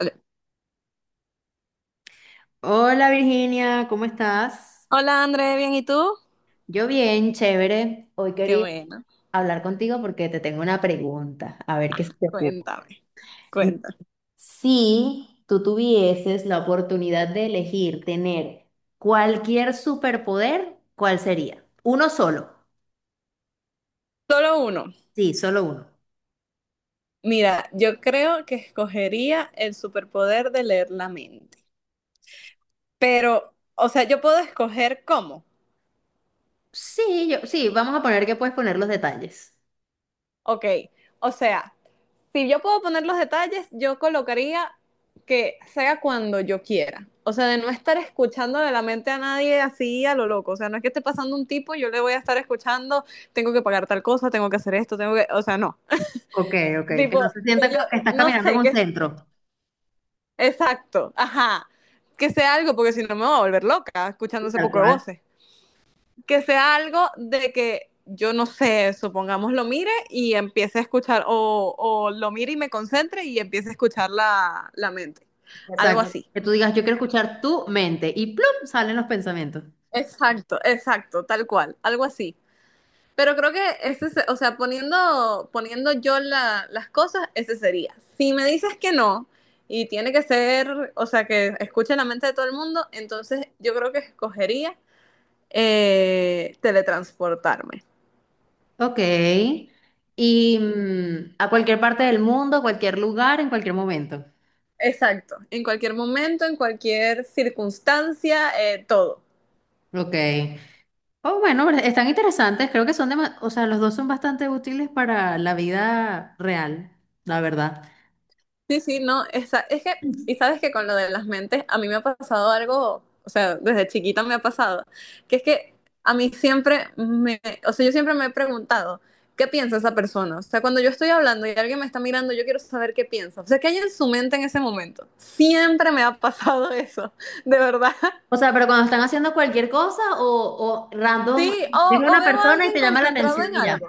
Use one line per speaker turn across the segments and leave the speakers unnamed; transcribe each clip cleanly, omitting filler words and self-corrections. Ok.
Hola Virginia, ¿cómo estás?
Hola André, bien, ¿y tú?
Yo bien, chévere. Hoy
Qué
quería
bueno,
hablar contigo porque te tengo una pregunta, a ver qué se te ocurre.
cuéntame,
Mm,
cuéntame.
Si tú tuvieses la oportunidad de elegir tener cualquier superpoder, ¿cuál sería? Uno solo.
Solo uno.
Sí, solo uno.
Mira, yo creo que escogería el superpoder de leer la mente. Pero, o sea, yo puedo escoger cómo.
Sí, vamos a poner que puedes poner los detalles.
Ok, o sea, si yo puedo poner los detalles, yo colocaría que sea cuando yo quiera. O sea, de no estar escuchando de la mente a nadie así a lo loco. O sea, no es que esté pasando un tipo, yo le voy a estar escuchando, tengo que pagar tal cosa, tengo que hacer esto, tengo que... O sea, no.
Ok, ok, que
Tipo,
no se
que
sienta
yo,
que estás
no
caminando en
sé,
un
que,
centro.
exacto, ajá, que sea algo, porque si no me voy a volver loca escuchando
Sí,
ese
tal
poco de
cual.
voces, que sea algo de que yo no sé, supongamos lo mire y empiece a escuchar, o lo mire y me concentre y empiece a escuchar la mente, algo
Exacto.
así.
Que tú digas, yo quiero escuchar tu mente y plum, salen los pensamientos.
Exacto, exacto, tal cual, algo así. Pero creo que ese, o sea, poniendo yo las cosas, ese sería. Si me dices que no, y tiene que ser, o sea, que escuche la mente de todo el mundo, entonces yo creo que escogería teletransportarme.
Ok. Y a cualquier parte del mundo, cualquier lugar, en cualquier momento.
Exacto, en cualquier momento, en cualquier circunstancia, todo.
Ok. Oh, bueno, pero están interesantes. Creo que son o sea, los dos son bastante útiles para la vida real, la verdad.
Sí, sí, no, esa, es que, y sabes que con lo de las mentes, a mí me ha pasado algo, o sea, desde chiquita me ha pasado, que es que a mí siempre me, o sea, yo siempre me he preguntado, ¿qué piensa esa persona? O sea, cuando yo estoy hablando y alguien me está mirando, yo quiero saber qué piensa. O sea, ¿qué hay en su mente en ese momento? Siempre me ha pasado eso, de verdad.
O sea, pero cuando están haciendo cualquier cosa o
Sí,
random, ves
o
una
veo a
persona y
alguien
te llama la
concentrado
atención
en
y ya.
algo.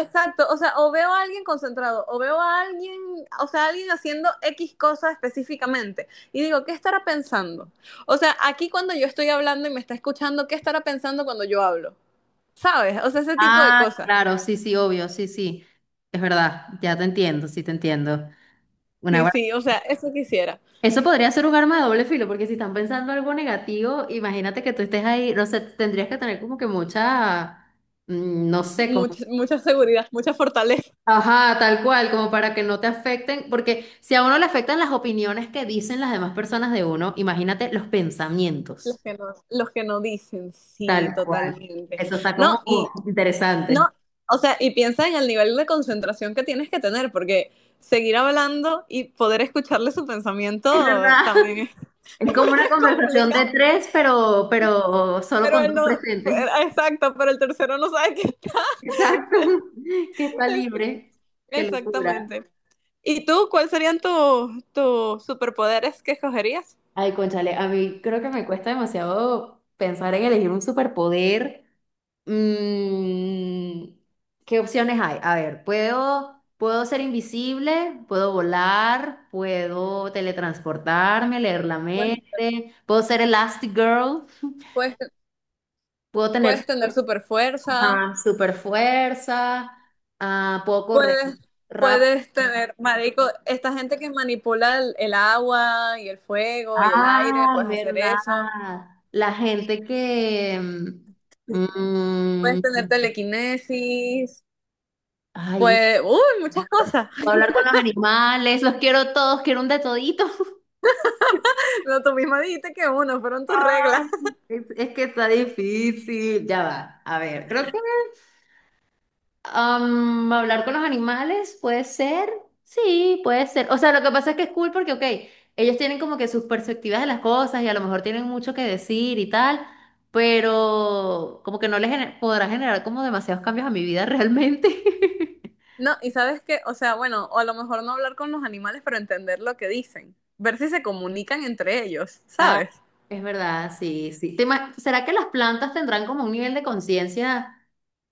Exacto, o sea, o veo a alguien concentrado, o veo a alguien, o sea, alguien haciendo X cosa específicamente, y digo, ¿qué estará pensando? O sea, aquí cuando yo estoy hablando y me está escuchando, ¿qué estará pensando cuando yo hablo? ¿Sabes? O sea, ese tipo de
Ah,
cosas.
claro, sí, sí, obvio, sí, sí. Es verdad, ya te entiendo, sí te entiendo. Una
Sí, sí, o sea, eso quisiera.
Eso podría ser un arma de doble filo, porque si están pensando algo negativo, imagínate que tú estés ahí, no sé, tendrías que tener como que mucha, no sé, como,
Mucha, mucha seguridad, mucha fortaleza.
ajá, tal cual, como para que no te afecten, porque si a uno le afectan las opiniones que dicen las demás personas de uno, imagínate los pensamientos.
Los que no dicen, sí,
Tal cual.
totalmente.
Eso está
No,
como
y no,
interesante.
o sea, y piensa en el nivel de concentración que tienes que tener, porque seguir hablando y poder escucharle su
Es
pensamiento
verdad.
también es
Es como una conversación de
complicado.
tres, pero solo
Pero
con
él
dos
no,
presentes.
exacto, pero el tercero no sabe qué
Exacto. Que está
es.
libre. Qué locura.
Exactamente. ¿Y tú, cuáles serían tus superpoderes que escogerías?
Ay, cónchale, a mí creo que me cuesta demasiado pensar en elegir un superpoder. Mm, ¿Qué opciones hay? A ver, puedo ser invisible, puedo volar, puedo teletransportarme, leer la
Pues,
mente, puedo ser Elastigirl,
puedes,
puedo tener
puedes tener
super,
super fuerza,
ajá, super fuerza, ah, puedo correr
puedes,
rápido.
puedes tener, marico, esta gente que manipula el agua y el fuego y el aire,
Ah, es
puedes hacer
verdad.
eso.
La gente que
Puedes tener
mm,
telequinesis,
ay,
pues, uy, muchas cosas.
puedo hablar con los animales, los quiero todos, quiero un de todito.
No, tú misma dijiste que uno, fueron tus reglas.
Ah, es que está difícil. Ya va. A ver, creo que hablar con los animales puede ser. Sí, puede ser. O sea, lo que pasa es que es cool porque, ok, ellos tienen como que sus perspectivas de las cosas y a lo mejor tienen mucho que decir y tal, pero como que no les podrá generar como demasiados cambios a mi vida realmente.
No, y sabes qué, o sea, bueno, o a lo mejor no hablar con los animales, pero entender lo que dicen, ver si se comunican entre ellos,
Ah,
¿sabes?
es verdad, sí, sí. ¿Será que las plantas tendrán como un nivel de conciencia?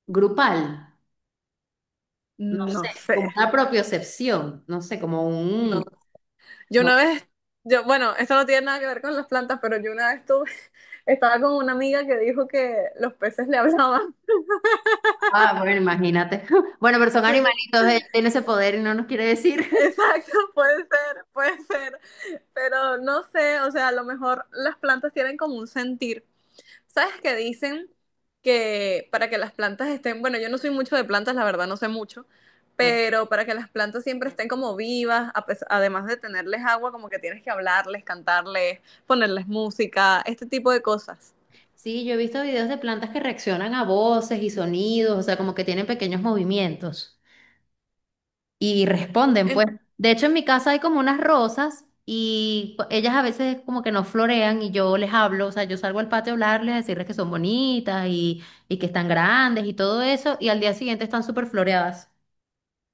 Grupal, no sé,
No
como
sé.
una propiocepción, no sé, como un...
No. Yo una
No.
vez, yo, bueno, esto no tiene nada que ver con las plantas, pero yo una vez tuve, estaba con una amiga que dijo que los peces le hablaban.
Ah, bueno, imagínate. Bueno, pero son
Sí,
animalitos, ellos tienen ese poder y no nos quiere decir.
exacto, puede ser, puede ser. Pero no sé, o sea, a lo mejor las plantas tienen como un sentir. ¿Sabes qué dicen? Que para que las plantas estén, bueno, yo no soy mucho de plantas, la verdad, no sé mucho,
Ok.
pero para que las plantas siempre estén como vivas, además de tenerles agua, como que tienes que hablarles, cantarles, ponerles música, este tipo de cosas.
Sí, yo he visto videos de plantas que reaccionan a voces y sonidos, o sea, como que tienen pequeños movimientos y responden,
En-
pues. De hecho, en mi casa hay como unas rosas y ellas a veces como que no florean y yo les hablo, o sea, yo salgo al patio a hablarles, a decirles que son bonitas y que están grandes y todo eso, y al día siguiente están súper floreadas.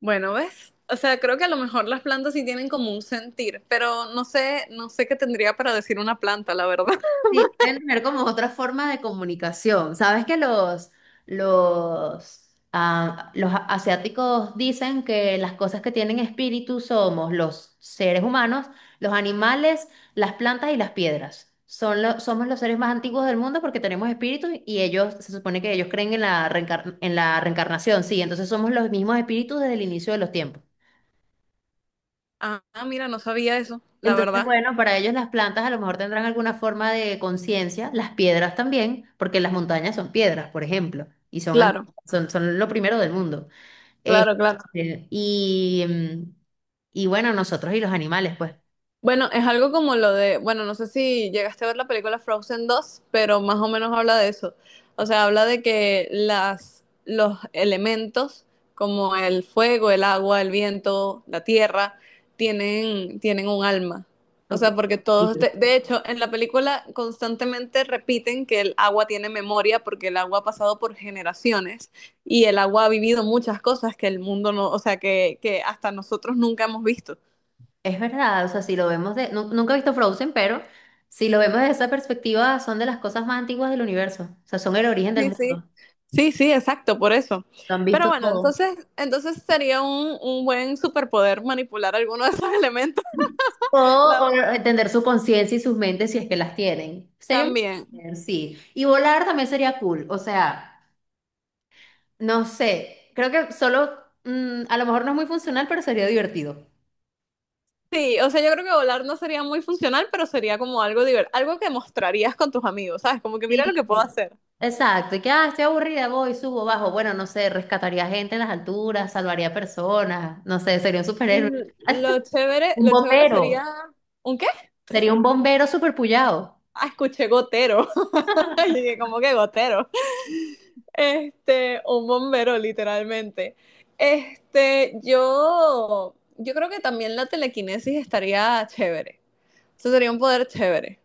Bueno, ¿ves? O sea, creo que a lo mejor las plantas sí tienen como un sentir, pero no sé, no sé qué tendría para decir una planta, la verdad.
Sí, deben tener como otra forma de comunicación. Sabes que los asiáticos dicen que las cosas que tienen espíritu somos los seres humanos, los animales, las plantas y las piedras. Son somos los seres más antiguos del mundo porque tenemos espíritu y ellos, se supone que ellos creen en la en la reencarnación, sí, entonces somos los mismos espíritus desde el inicio de los tiempos.
Ah, mira, no sabía eso, la
Entonces,
verdad.
bueno, para ellos las plantas a lo mejor tendrán alguna forma de conciencia, las piedras también, porque las montañas son piedras, por ejemplo,
Claro.
son, lo primero del mundo.
Claro, claro.
Este, y, mm, y bueno, nosotros y los animales, pues.
Bueno, es algo como lo de, bueno, no sé si llegaste a ver la película Frozen 2, pero más o menos habla de eso. O sea, habla de que las, los elementos como el fuego, el agua, el viento, la tierra, tienen un alma. O
Ok.
sea, porque todos, de hecho, en la película constantemente repiten que el agua tiene memoria porque el agua ha pasado por generaciones y el agua ha vivido muchas cosas que el mundo no, o sea, que hasta nosotros nunca hemos visto.
Es verdad, o sea, si lo vemos de... nunca he visto Frozen, pero si lo vemos desde esa perspectiva, son de las cosas más antiguas del universo, o sea, son el origen del
Sí, sí.
mundo.
Sí, sí, exacto, por eso.
Lo han
Pero
visto
bueno,
todo.
entonces, entonces sería un buen superpoder manipular alguno de esos elementos,
O
la verdad.
entender su conciencia y sus mentes si es que las tienen. Sería un
También.
placer, sí. Y volar también sería cool. O sea, no sé. Creo que solo, a lo mejor no es muy funcional, pero sería divertido.
Sí, o sea, yo creo que volar no sería muy funcional, pero sería como algo divertido, algo que mostrarías con tus amigos, ¿sabes? Como que mira lo que puedo
Sí.
hacer.
Exacto. Y que, ah, estoy aburrida, voy, subo, bajo. Bueno, no sé, rescataría gente en las alturas, salvaría personas. No sé, sería un
Mm,
superhéroe.
lo chévere,
Un
lo chévere sería...
bombero.
¿Un qué?
Sería un bombero superpullado.
Ah, escuché gotero. Y dije, ¿cómo que gotero? Este, un bombero, literalmente. Este, yo creo que también la telequinesis estaría chévere. Eso sería un poder chévere.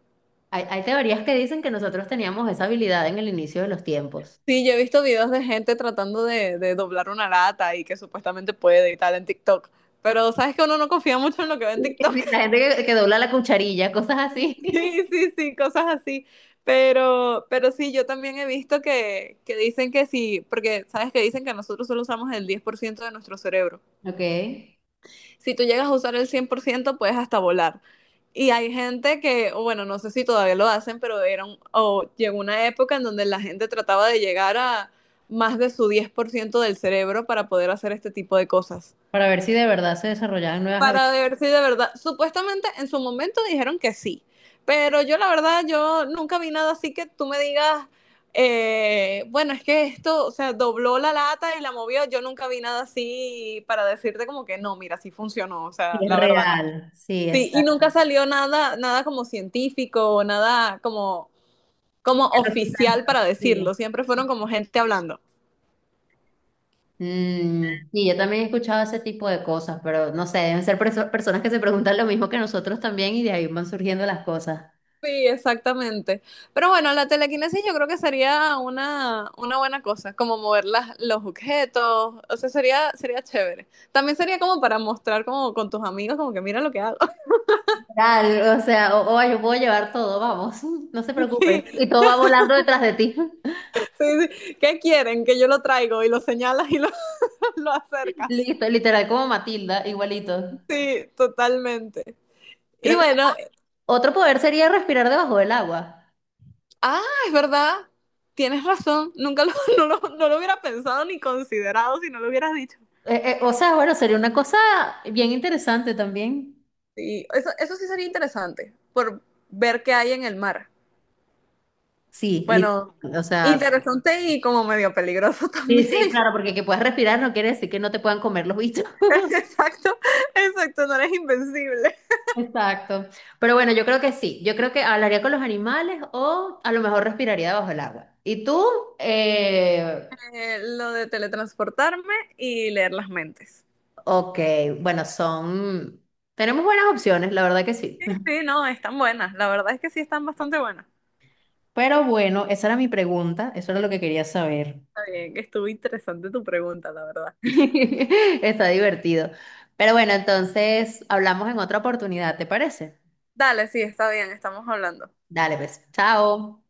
Hay teorías que dicen que nosotros teníamos esa habilidad en el inicio de los tiempos.
Sí, yo he visto videos de gente tratando de doblar una lata y que supuestamente puede y tal en TikTok. Pero sabes que uno no confía mucho en lo que ve en
Sí,
TikTok.
sí, la gente que dobla la cucharilla, cosas así.
Sí, sí, sí, cosas así. Pero sí, yo también he visto que dicen que sí, porque sabes que dicen que nosotros solo usamos el 10% de nuestro cerebro.
Ok.
Si tú llegas a usar el 100% puedes hasta volar. Y hay gente que, o bueno, no sé si todavía lo hacen, pero era o llegó una época en donde la gente trataba de llegar a más de su 10% del cerebro para poder hacer este tipo de cosas.
Para ver si de verdad se desarrollaban nuevas
Para
habilidades.
ver si de verdad, supuestamente en su momento dijeron que sí, pero yo la verdad, yo nunca vi nada así que tú me digas, bueno, es que esto, o sea, dobló la lata y la movió, yo nunca vi nada así para decirte como que no, mira, sí funcionó, o
Sí,
sea,
es
la verdad no.
real, sí,
Sí, y
exacto.
nunca salió nada, nada como científico o nada como, como
Pero sí está
oficial para
antiguo.
decirlo. Siempre fueron como gente hablando.
Mm, y yo también he escuchado ese tipo de cosas, pero no sé, deben ser personas que se preguntan lo mismo que nosotros también y de ahí van surgiendo las cosas.
Sí, exactamente. Pero bueno, la telequinesis yo creo que sería una buena cosa, como mover las, los objetos, o sea, sería, sería chévere. También sería como para mostrar como con tus amigos, como que mira lo que hago.
Real, o sea, o yo puedo llevar todo, vamos, no se
Sí,
preocupen. Y todo va volando detrás de ti.
sí, sí. ¿Qué quieren? Que yo lo traigo y lo señalas y lo, lo acercas.
Listo, literal como Matilda, igualito.
Sí, totalmente. Y
Creo que
bueno,
otro poder sería respirar debajo del agua.
ah, es verdad. Tienes razón. Nunca lo, no lo hubiera pensado ni considerado si no lo hubieras dicho.
O sea, bueno, sería una cosa bien interesante también.
Sí, eso sí sería interesante, por ver qué hay en el mar.
Sí,
Bueno,
o sea,
interesante y como medio peligroso
sí,
también.
sí, claro, porque que puedas respirar no quiere decir que no te puedan comer los bichos.
Exacto, exacto, no eres invencible.
Exacto. Pero bueno, yo creo que sí. Yo creo que hablaría con los animales o a lo mejor respiraría bajo el agua. ¿Y tú? Eh,
Lo de teletransportarme y leer las mentes.
ok, bueno, son... Tenemos buenas opciones, la verdad que sí.
Sí, sí, no, están buenas. La verdad es que sí están bastante buenas.
Pero bueno, esa era mi pregunta, eso era lo que quería saber.
Está bien, que estuvo interesante tu pregunta, la verdad.
Está divertido. Pero bueno, entonces hablamos en otra oportunidad, ¿te parece?
Dale, sí, está bien, estamos hablando.
Dale, pues. Chao.